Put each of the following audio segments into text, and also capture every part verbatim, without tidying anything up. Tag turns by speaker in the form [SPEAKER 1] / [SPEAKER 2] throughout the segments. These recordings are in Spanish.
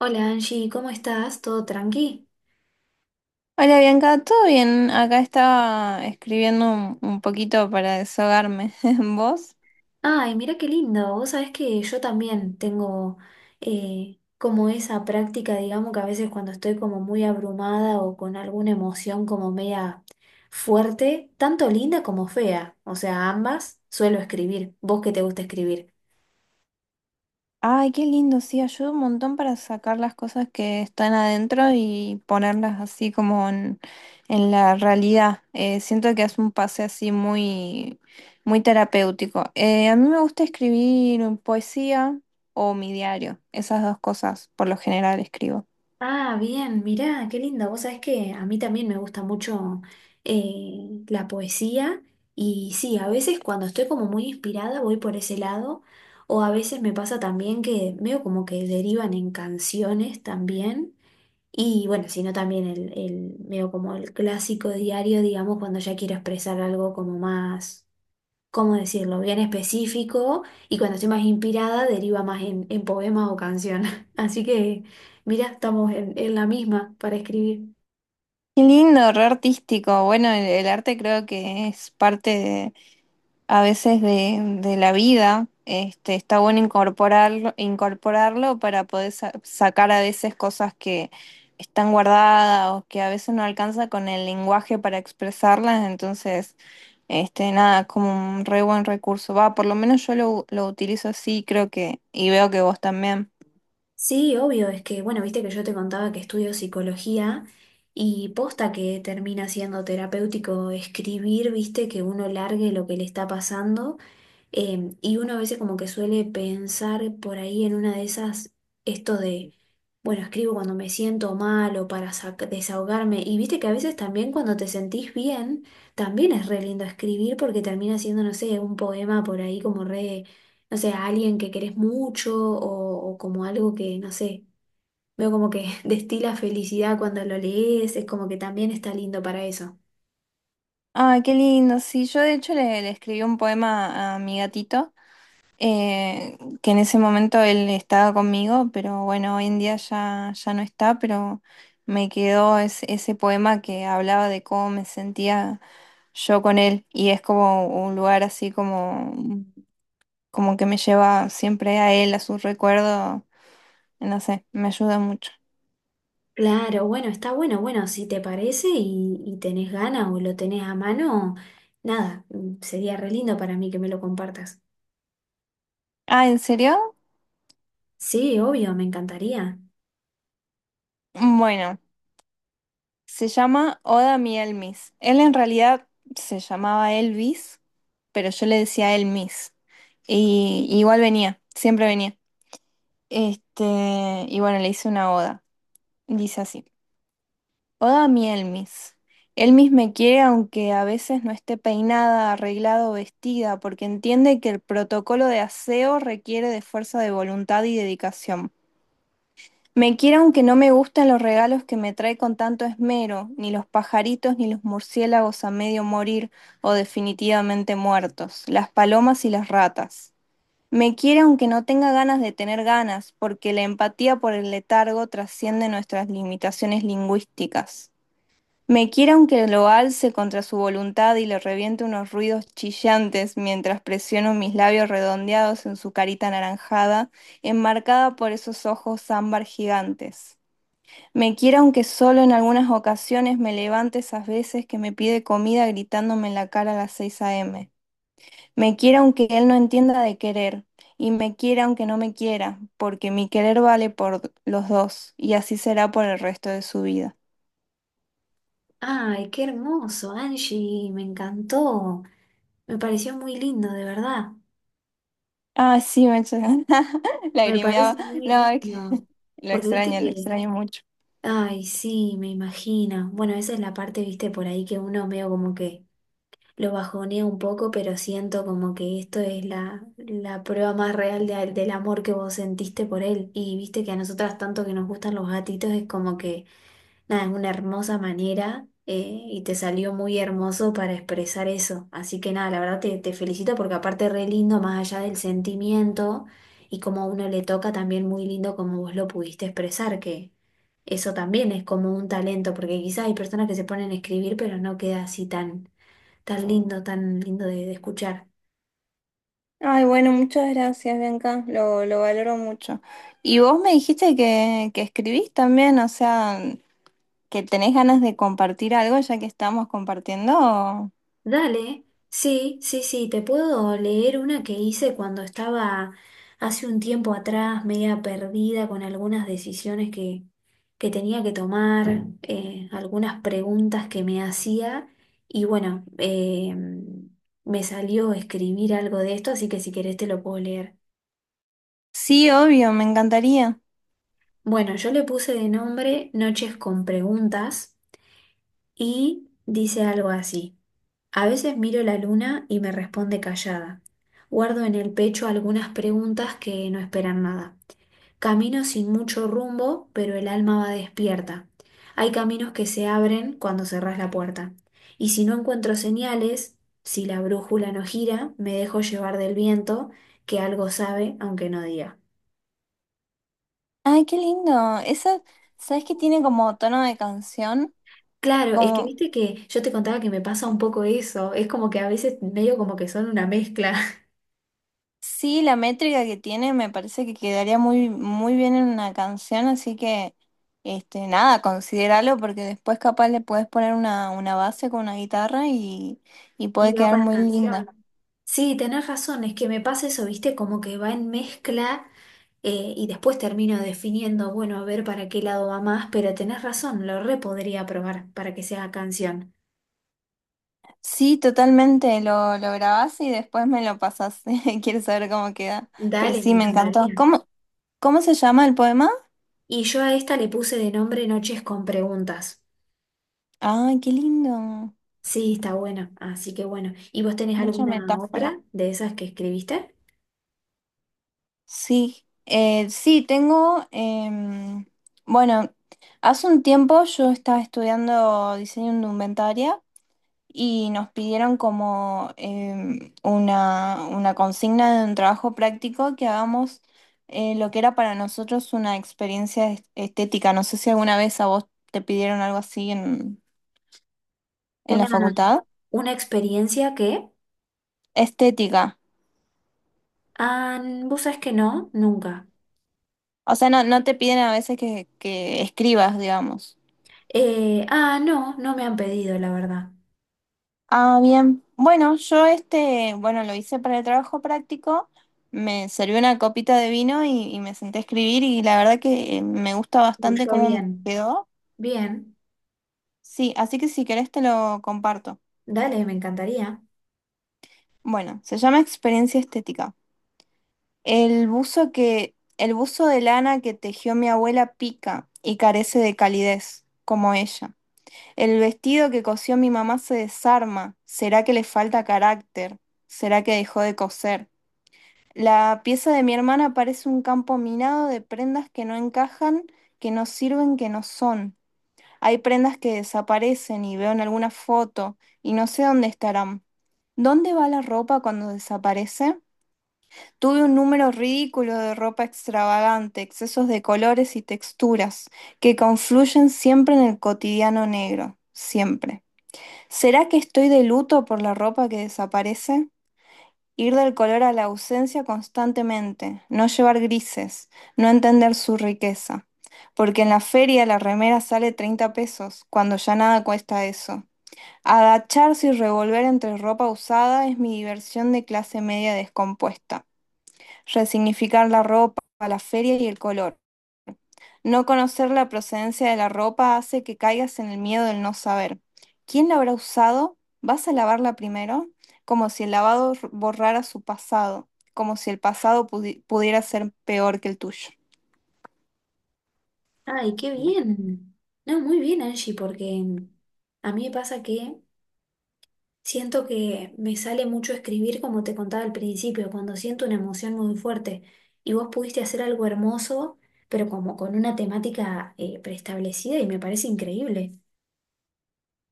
[SPEAKER 1] Hola Angie, ¿cómo estás? ¿Todo tranqui?
[SPEAKER 2] Hola Bianca, ¿todo bien? Acá estaba escribiendo un, un poquito para desahogarme. ¿Vos?
[SPEAKER 1] Ay, mira qué lindo. Vos sabés que yo también tengo eh, como esa práctica, digamos que a veces cuando estoy como muy abrumada o con alguna emoción como media fuerte, tanto linda como fea, o sea, ambas suelo escribir. ¿Vos que te gusta escribir?
[SPEAKER 2] Ay, qué lindo, sí, ayuda un montón para sacar las cosas que están adentro y ponerlas así como en, en la realidad. Eh, siento que es un pase así muy, muy terapéutico. Eh, a mí me gusta escribir poesía o mi diario, esas dos cosas por lo general escribo.
[SPEAKER 1] Ah, bien, mirá, qué lindo. Vos sabés que a mí también me gusta mucho eh, la poesía y sí, a veces cuando estoy como muy inspirada voy por ese lado o a veces me pasa también que veo como que derivan en canciones también y bueno, sino también el, el, veo como el clásico diario, digamos, cuando ya quiero expresar algo como más ¿cómo decirlo?, bien específico y cuando estoy más inspirada deriva más en, en poemas o canciones. Así que, mira, estamos en, en la misma para escribir.
[SPEAKER 2] Qué lindo, re artístico. Bueno, el, el arte creo que es parte a veces de, de la vida, este, está bueno incorporarlo, incorporarlo para poder sa- sacar a veces cosas que están guardadas o que a veces no alcanza con el lenguaje para expresarlas, entonces, este, nada, es como un re buen recurso. Va, por lo menos yo lo, lo utilizo así, creo que, y veo que vos también.
[SPEAKER 1] Sí, obvio, es que, bueno, viste que yo te contaba que estudio psicología y posta que termina siendo terapéutico escribir, viste, que uno largue lo que le está pasando. Em, y uno a veces como que suele pensar por ahí en una de esas, esto de, bueno, escribo cuando me siento mal o para sac- desahogarme. Y viste que a veces también cuando te sentís bien, también es re lindo escribir porque termina siendo, no sé, un poema por ahí como re, no sé, a alguien que querés mucho o, o como algo que, no sé, veo como que destila felicidad cuando lo lees, es como que también está lindo para eso.
[SPEAKER 2] Ay, qué lindo, sí, yo de hecho le, le escribí un poema a mi gatito. Eh, que en ese momento él estaba conmigo, pero bueno, hoy en día ya, ya no está, pero me quedó ese, ese poema que hablaba de cómo me sentía yo con él y es como un lugar así como, como que me lleva siempre a él, a su recuerdo, no sé, me ayuda mucho.
[SPEAKER 1] Claro, bueno, está bueno, bueno, si te parece y, y tenés ganas o lo tenés a mano, nada, mm, sería re lindo para mí que me lo compartas.
[SPEAKER 2] Ah, ¿en serio?
[SPEAKER 1] Sí, obvio, me encantaría.
[SPEAKER 2] Bueno. Se llama Oda mi Elmis. Él en realidad se llamaba Elvis, pero yo le decía Elmis. Y igual venía, siempre venía. Este, y bueno, le hice una oda. Dice así: Oda mi Elmis. Elmis me quiere aunque a veces no esté peinada, arreglada o vestida, porque entiende que el protocolo de aseo requiere de fuerza de voluntad y dedicación. Me quiere aunque no me gustan los regalos que me trae con tanto esmero, ni los pajaritos ni los murciélagos a medio morir o definitivamente muertos, las palomas y las ratas. Me quiere aunque no tenga ganas de tener ganas, porque la empatía por el letargo trasciende nuestras limitaciones lingüísticas. Me quiere aunque lo alce contra su voluntad y le reviente unos ruidos chillantes mientras presiono mis labios redondeados en su carita anaranjada, enmarcada por esos ojos ámbar gigantes. Me quiera aunque solo en algunas ocasiones me levante esas veces que me pide comida gritándome en la cara a las seis a m. Me quiera aunque él no entienda de querer, y me quiera aunque no me quiera, porque mi querer vale por los dos, y así será por el resto de su vida.
[SPEAKER 1] Ay, qué hermoso, Angie, me encantó. Me pareció muy lindo, de verdad.
[SPEAKER 2] Ah, sí, me
[SPEAKER 1] Me
[SPEAKER 2] lagrimeaba.
[SPEAKER 1] parece muy
[SPEAKER 2] No, es que
[SPEAKER 1] lindo.
[SPEAKER 2] lo
[SPEAKER 1] Porque viste
[SPEAKER 2] extraño, lo
[SPEAKER 1] que,
[SPEAKER 2] extraño mucho.
[SPEAKER 1] ay, sí, me imagino. Bueno, esa es la parte, viste, por ahí que uno veo como que lo bajonea un poco, pero siento como que esto es la, la prueba más real de- del amor que vos sentiste por él. Y viste que a nosotras tanto que nos gustan los gatitos es como que, nada, es una hermosa manera, eh, y te salió muy hermoso para expresar eso. Así que nada, la verdad te, te felicito porque aparte es re lindo, más allá del sentimiento y como a uno le toca, también muy lindo como vos lo pudiste expresar, que... eso también es como un talento, porque quizás hay personas que se ponen a escribir, pero no queda así tan, tan lindo, tan lindo de, de escuchar.
[SPEAKER 2] Ay, bueno, muchas gracias, Bianca, lo, lo valoro mucho. Y vos me dijiste que, que escribís también, o sea... que tenés ganas de compartir algo ya que estamos compartiendo.
[SPEAKER 1] Dale, sí, sí, sí, te puedo leer una que hice cuando estaba hace un tiempo atrás, media perdida con algunas decisiones que, que tenía que tomar, eh, algunas preguntas que me hacía y bueno, eh, me salió escribir algo de esto, así que si querés te lo puedo leer.
[SPEAKER 2] Sí, obvio, me encantaría.
[SPEAKER 1] Bueno, yo le puse de nombre Noches con Preguntas y dice algo así. A veces miro la luna y me responde callada. Guardo en el pecho algunas preguntas que no esperan nada. Camino sin mucho rumbo, pero el alma va despierta. Hay caminos que se abren cuando cerrás la puerta. Y si no encuentro señales, si la brújula no gira, me dejo llevar del viento, que algo sabe, aunque no diga.
[SPEAKER 2] Ay, qué lindo. Esa, ¿sabes que tiene como tono de canción?
[SPEAKER 1] Claro, es que
[SPEAKER 2] Como,
[SPEAKER 1] viste que yo te contaba que me pasa un poco eso. Es como que a veces medio como que son una mezcla.
[SPEAKER 2] sí, la métrica que tiene me parece que quedaría muy, muy bien en una canción, así que, este, nada, considéralo porque después capaz le puedes poner una, una base con una guitarra y, y
[SPEAKER 1] Y
[SPEAKER 2] puede
[SPEAKER 1] va
[SPEAKER 2] quedar
[SPEAKER 1] para
[SPEAKER 2] muy
[SPEAKER 1] canción.
[SPEAKER 2] linda.
[SPEAKER 1] Sí, tenés razón, es que me pasa eso, viste, como que va en mezcla, eh, y después termino definiendo, bueno, a ver para qué lado va más, pero tenés razón, lo re podría probar para que sea canción.
[SPEAKER 2] Sí, totalmente, lo, lo grabás y después me lo pasás. Quiero saber cómo queda. Pero
[SPEAKER 1] Dale, me
[SPEAKER 2] sí, me encantó.
[SPEAKER 1] encantaría.
[SPEAKER 2] ¿Cómo, cómo se llama el poema?
[SPEAKER 1] Y yo a esta le puse de nombre Noches con preguntas.
[SPEAKER 2] Ay, qué lindo.
[SPEAKER 1] Sí, está bueno, así que bueno. ¿Y vos tenés
[SPEAKER 2] Mucha
[SPEAKER 1] alguna
[SPEAKER 2] metáfora.
[SPEAKER 1] otra de esas que escribiste?
[SPEAKER 2] Sí, eh, sí, tengo, em, bueno, hace un tiempo yo estaba estudiando diseño indumentaria y nos pidieron como em, una, una consigna de un trabajo práctico que hagamos eh, lo que era para nosotros una experiencia est- estética. No sé si alguna vez a vos te pidieron algo así en, en la
[SPEAKER 1] Una,
[SPEAKER 2] facultad.
[SPEAKER 1] una experiencia que...
[SPEAKER 2] Estética.
[SPEAKER 1] ah, vos sabés que no, nunca.
[SPEAKER 2] O sea, no, no te piden a veces que, que escribas, digamos.
[SPEAKER 1] Eh, ah, no, no me han pedido, la verdad.
[SPEAKER 2] Ah, bien. Bueno, yo este, bueno, lo hice para el trabajo práctico. Me serví una copita de vino y, y me senté a escribir y la verdad que eh, me gusta bastante
[SPEAKER 1] Yo
[SPEAKER 2] cómo
[SPEAKER 1] bien.
[SPEAKER 2] quedó.
[SPEAKER 1] Bien,
[SPEAKER 2] Sí, así que si querés te lo comparto.
[SPEAKER 1] dale, me encantaría.
[SPEAKER 2] Bueno, se llama experiencia estética. El buzo que, el buzo de lana que tejió mi abuela pica y carece de calidez, como ella. El vestido que cosió mi mamá se desarma. ¿Será que le falta carácter? ¿Será que dejó de coser? La pieza de mi hermana parece un campo minado de prendas que no encajan, que no sirven, que no son. Hay prendas que desaparecen y veo en alguna foto y no sé dónde estarán. ¿Dónde va la ropa cuando desaparece? Tuve un número ridículo de ropa extravagante, excesos de colores y texturas que confluyen siempre en el cotidiano negro, siempre. ¿Será que estoy de luto por la ropa que desaparece? Ir del color a la ausencia constantemente, no llevar grises, no entender su riqueza. Porque en la feria la remera sale treinta pesos, cuando ya nada cuesta eso. Agacharse y revolver entre ropa usada es mi diversión de clase media descompuesta. Resignificar la ropa, la feria y el color. No conocer la procedencia de la ropa hace que caigas en el miedo del no saber. ¿Quién la habrá usado? ¿Vas a lavarla primero? Como si el lavado r- borrara su pasado, como si el pasado pudi- pudiera ser peor que el tuyo.
[SPEAKER 1] Ay, qué bien. No, muy bien, Angie, porque a mí me pasa que siento que me sale mucho escribir, como te contaba al principio, cuando siento una emoción muy fuerte. Y vos pudiste hacer algo hermoso, pero como con una temática, eh, preestablecida y me parece increíble.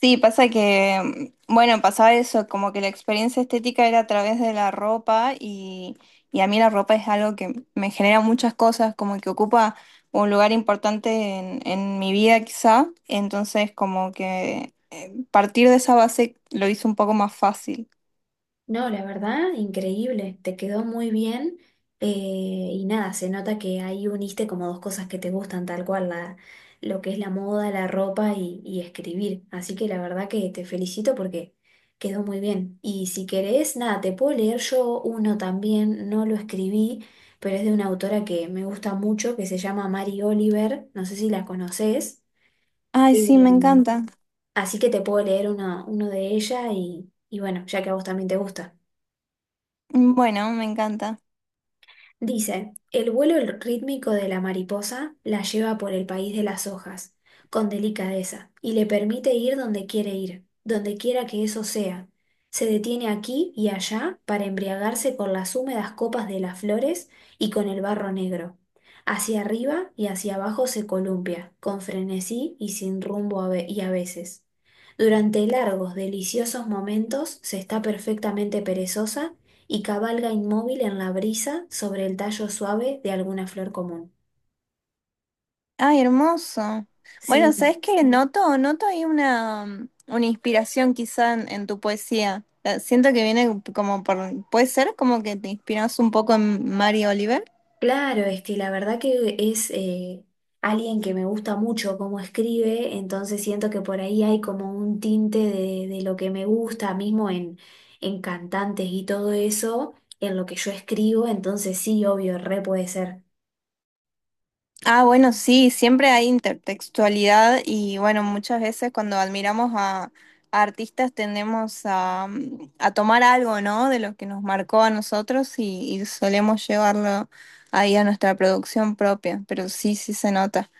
[SPEAKER 2] Sí, pasa que, mm, bueno, pasaba eso, como que la experiencia estética era a través de la ropa y, y a mí la ropa es algo que me genera muchas cosas, como que ocupa un lugar importante en, en mi vida quizá, entonces como que partir de esa base lo hizo un poco más fácil.
[SPEAKER 1] No, la verdad, increíble, te quedó muy bien, eh, y nada, se nota que ahí uniste como dos cosas que te gustan tal cual, la, lo que es la moda, la ropa y, y escribir. Así que la verdad que te felicito porque quedó muy bien. Y si querés, nada, te puedo leer yo uno también, no lo escribí, pero es de una autora que me gusta mucho, que se llama Mary Oliver, no sé si la conoces.
[SPEAKER 2] Ay,
[SPEAKER 1] Eh,
[SPEAKER 2] sí, me encanta.
[SPEAKER 1] así que te puedo leer uno, uno de ella y, y bueno, ya que a vos también te gusta.
[SPEAKER 2] Bueno, me encanta.
[SPEAKER 1] Dice, el vuelo el- rítmico de la mariposa la lleva por el país de las hojas, con delicadeza, y le permite ir donde quiere ir, donde quiera que eso sea. Se detiene aquí y allá para embriagarse con las húmedas copas de las flores y con el barro negro. Hacia arriba y hacia abajo se columpia, con frenesí y sin rumbo a ve- y a veces. Durante largos, deliciosos momentos se está perfectamente perezosa y cabalga inmóvil en la brisa sobre el tallo suave de alguna flor común.
[SPEAKER 2] Ay, hermoso. Bueno,
[SPEAKER 1] Sí,
[SPEAKER 2] ¿sabes qué? Noto, noto ahí una, una inspiración quizá en, en tu poesía. Eh, Siento que viene como por, puede ser como que te inspiras un poco en Mary Oliver.
[SPEAKER 1] claro, es que la verdad que es, eh, alguien que me gusta mucho cómo escribe, entonces siento que por ahí hay como un tinte de, de lo que me gusta mismo en, en cantantes y todo eso, en lo que yo escribo, entonces sí, obvio, re puede ser.
[SPEAKER 2] Ah, bueno, sí, siempre hay intertextualidad y bueno, muchas veces cuando admiramos a, a artistas tendemos a, mm, a tomar algo, ¿no? De lo que nos marcó a nosotros y, y solemos llevarlo ahí a nuestra producción propia, pero sí, sí se nota.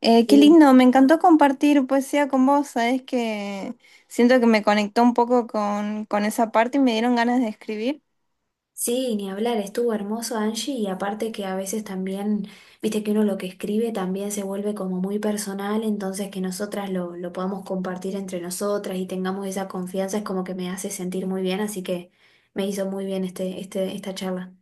[SPEAKER 2] Eh, qué lindo, me encantó compartir poesía con vos, sabés que siento que me conectó un poco con, con esa parte y me dieron ganas de escribir.
[SPEAKER 1] Sí, ni hablar, estuvo hermoso Angie y aparte que a veces también, viste que uno lo que escribe también se vuelve como muy personal, entonces que nosotras lo, lo podamos compartir entre nosotras y tengamos esa confianza es como que me hace sentir muy bien, así que me hizo muy bien este, este, esta charla.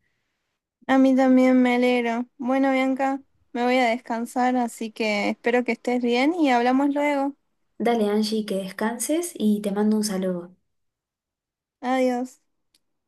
[SPEAKER 2] A mí también me alegro. Bueno, Bianca, me voy a descansar, así que espero que estés bien y hablamos luego.
[SPEAKER 1] Dale Angie, que descanses y te mando un saludo.
[SPEAKER 2] Adiós.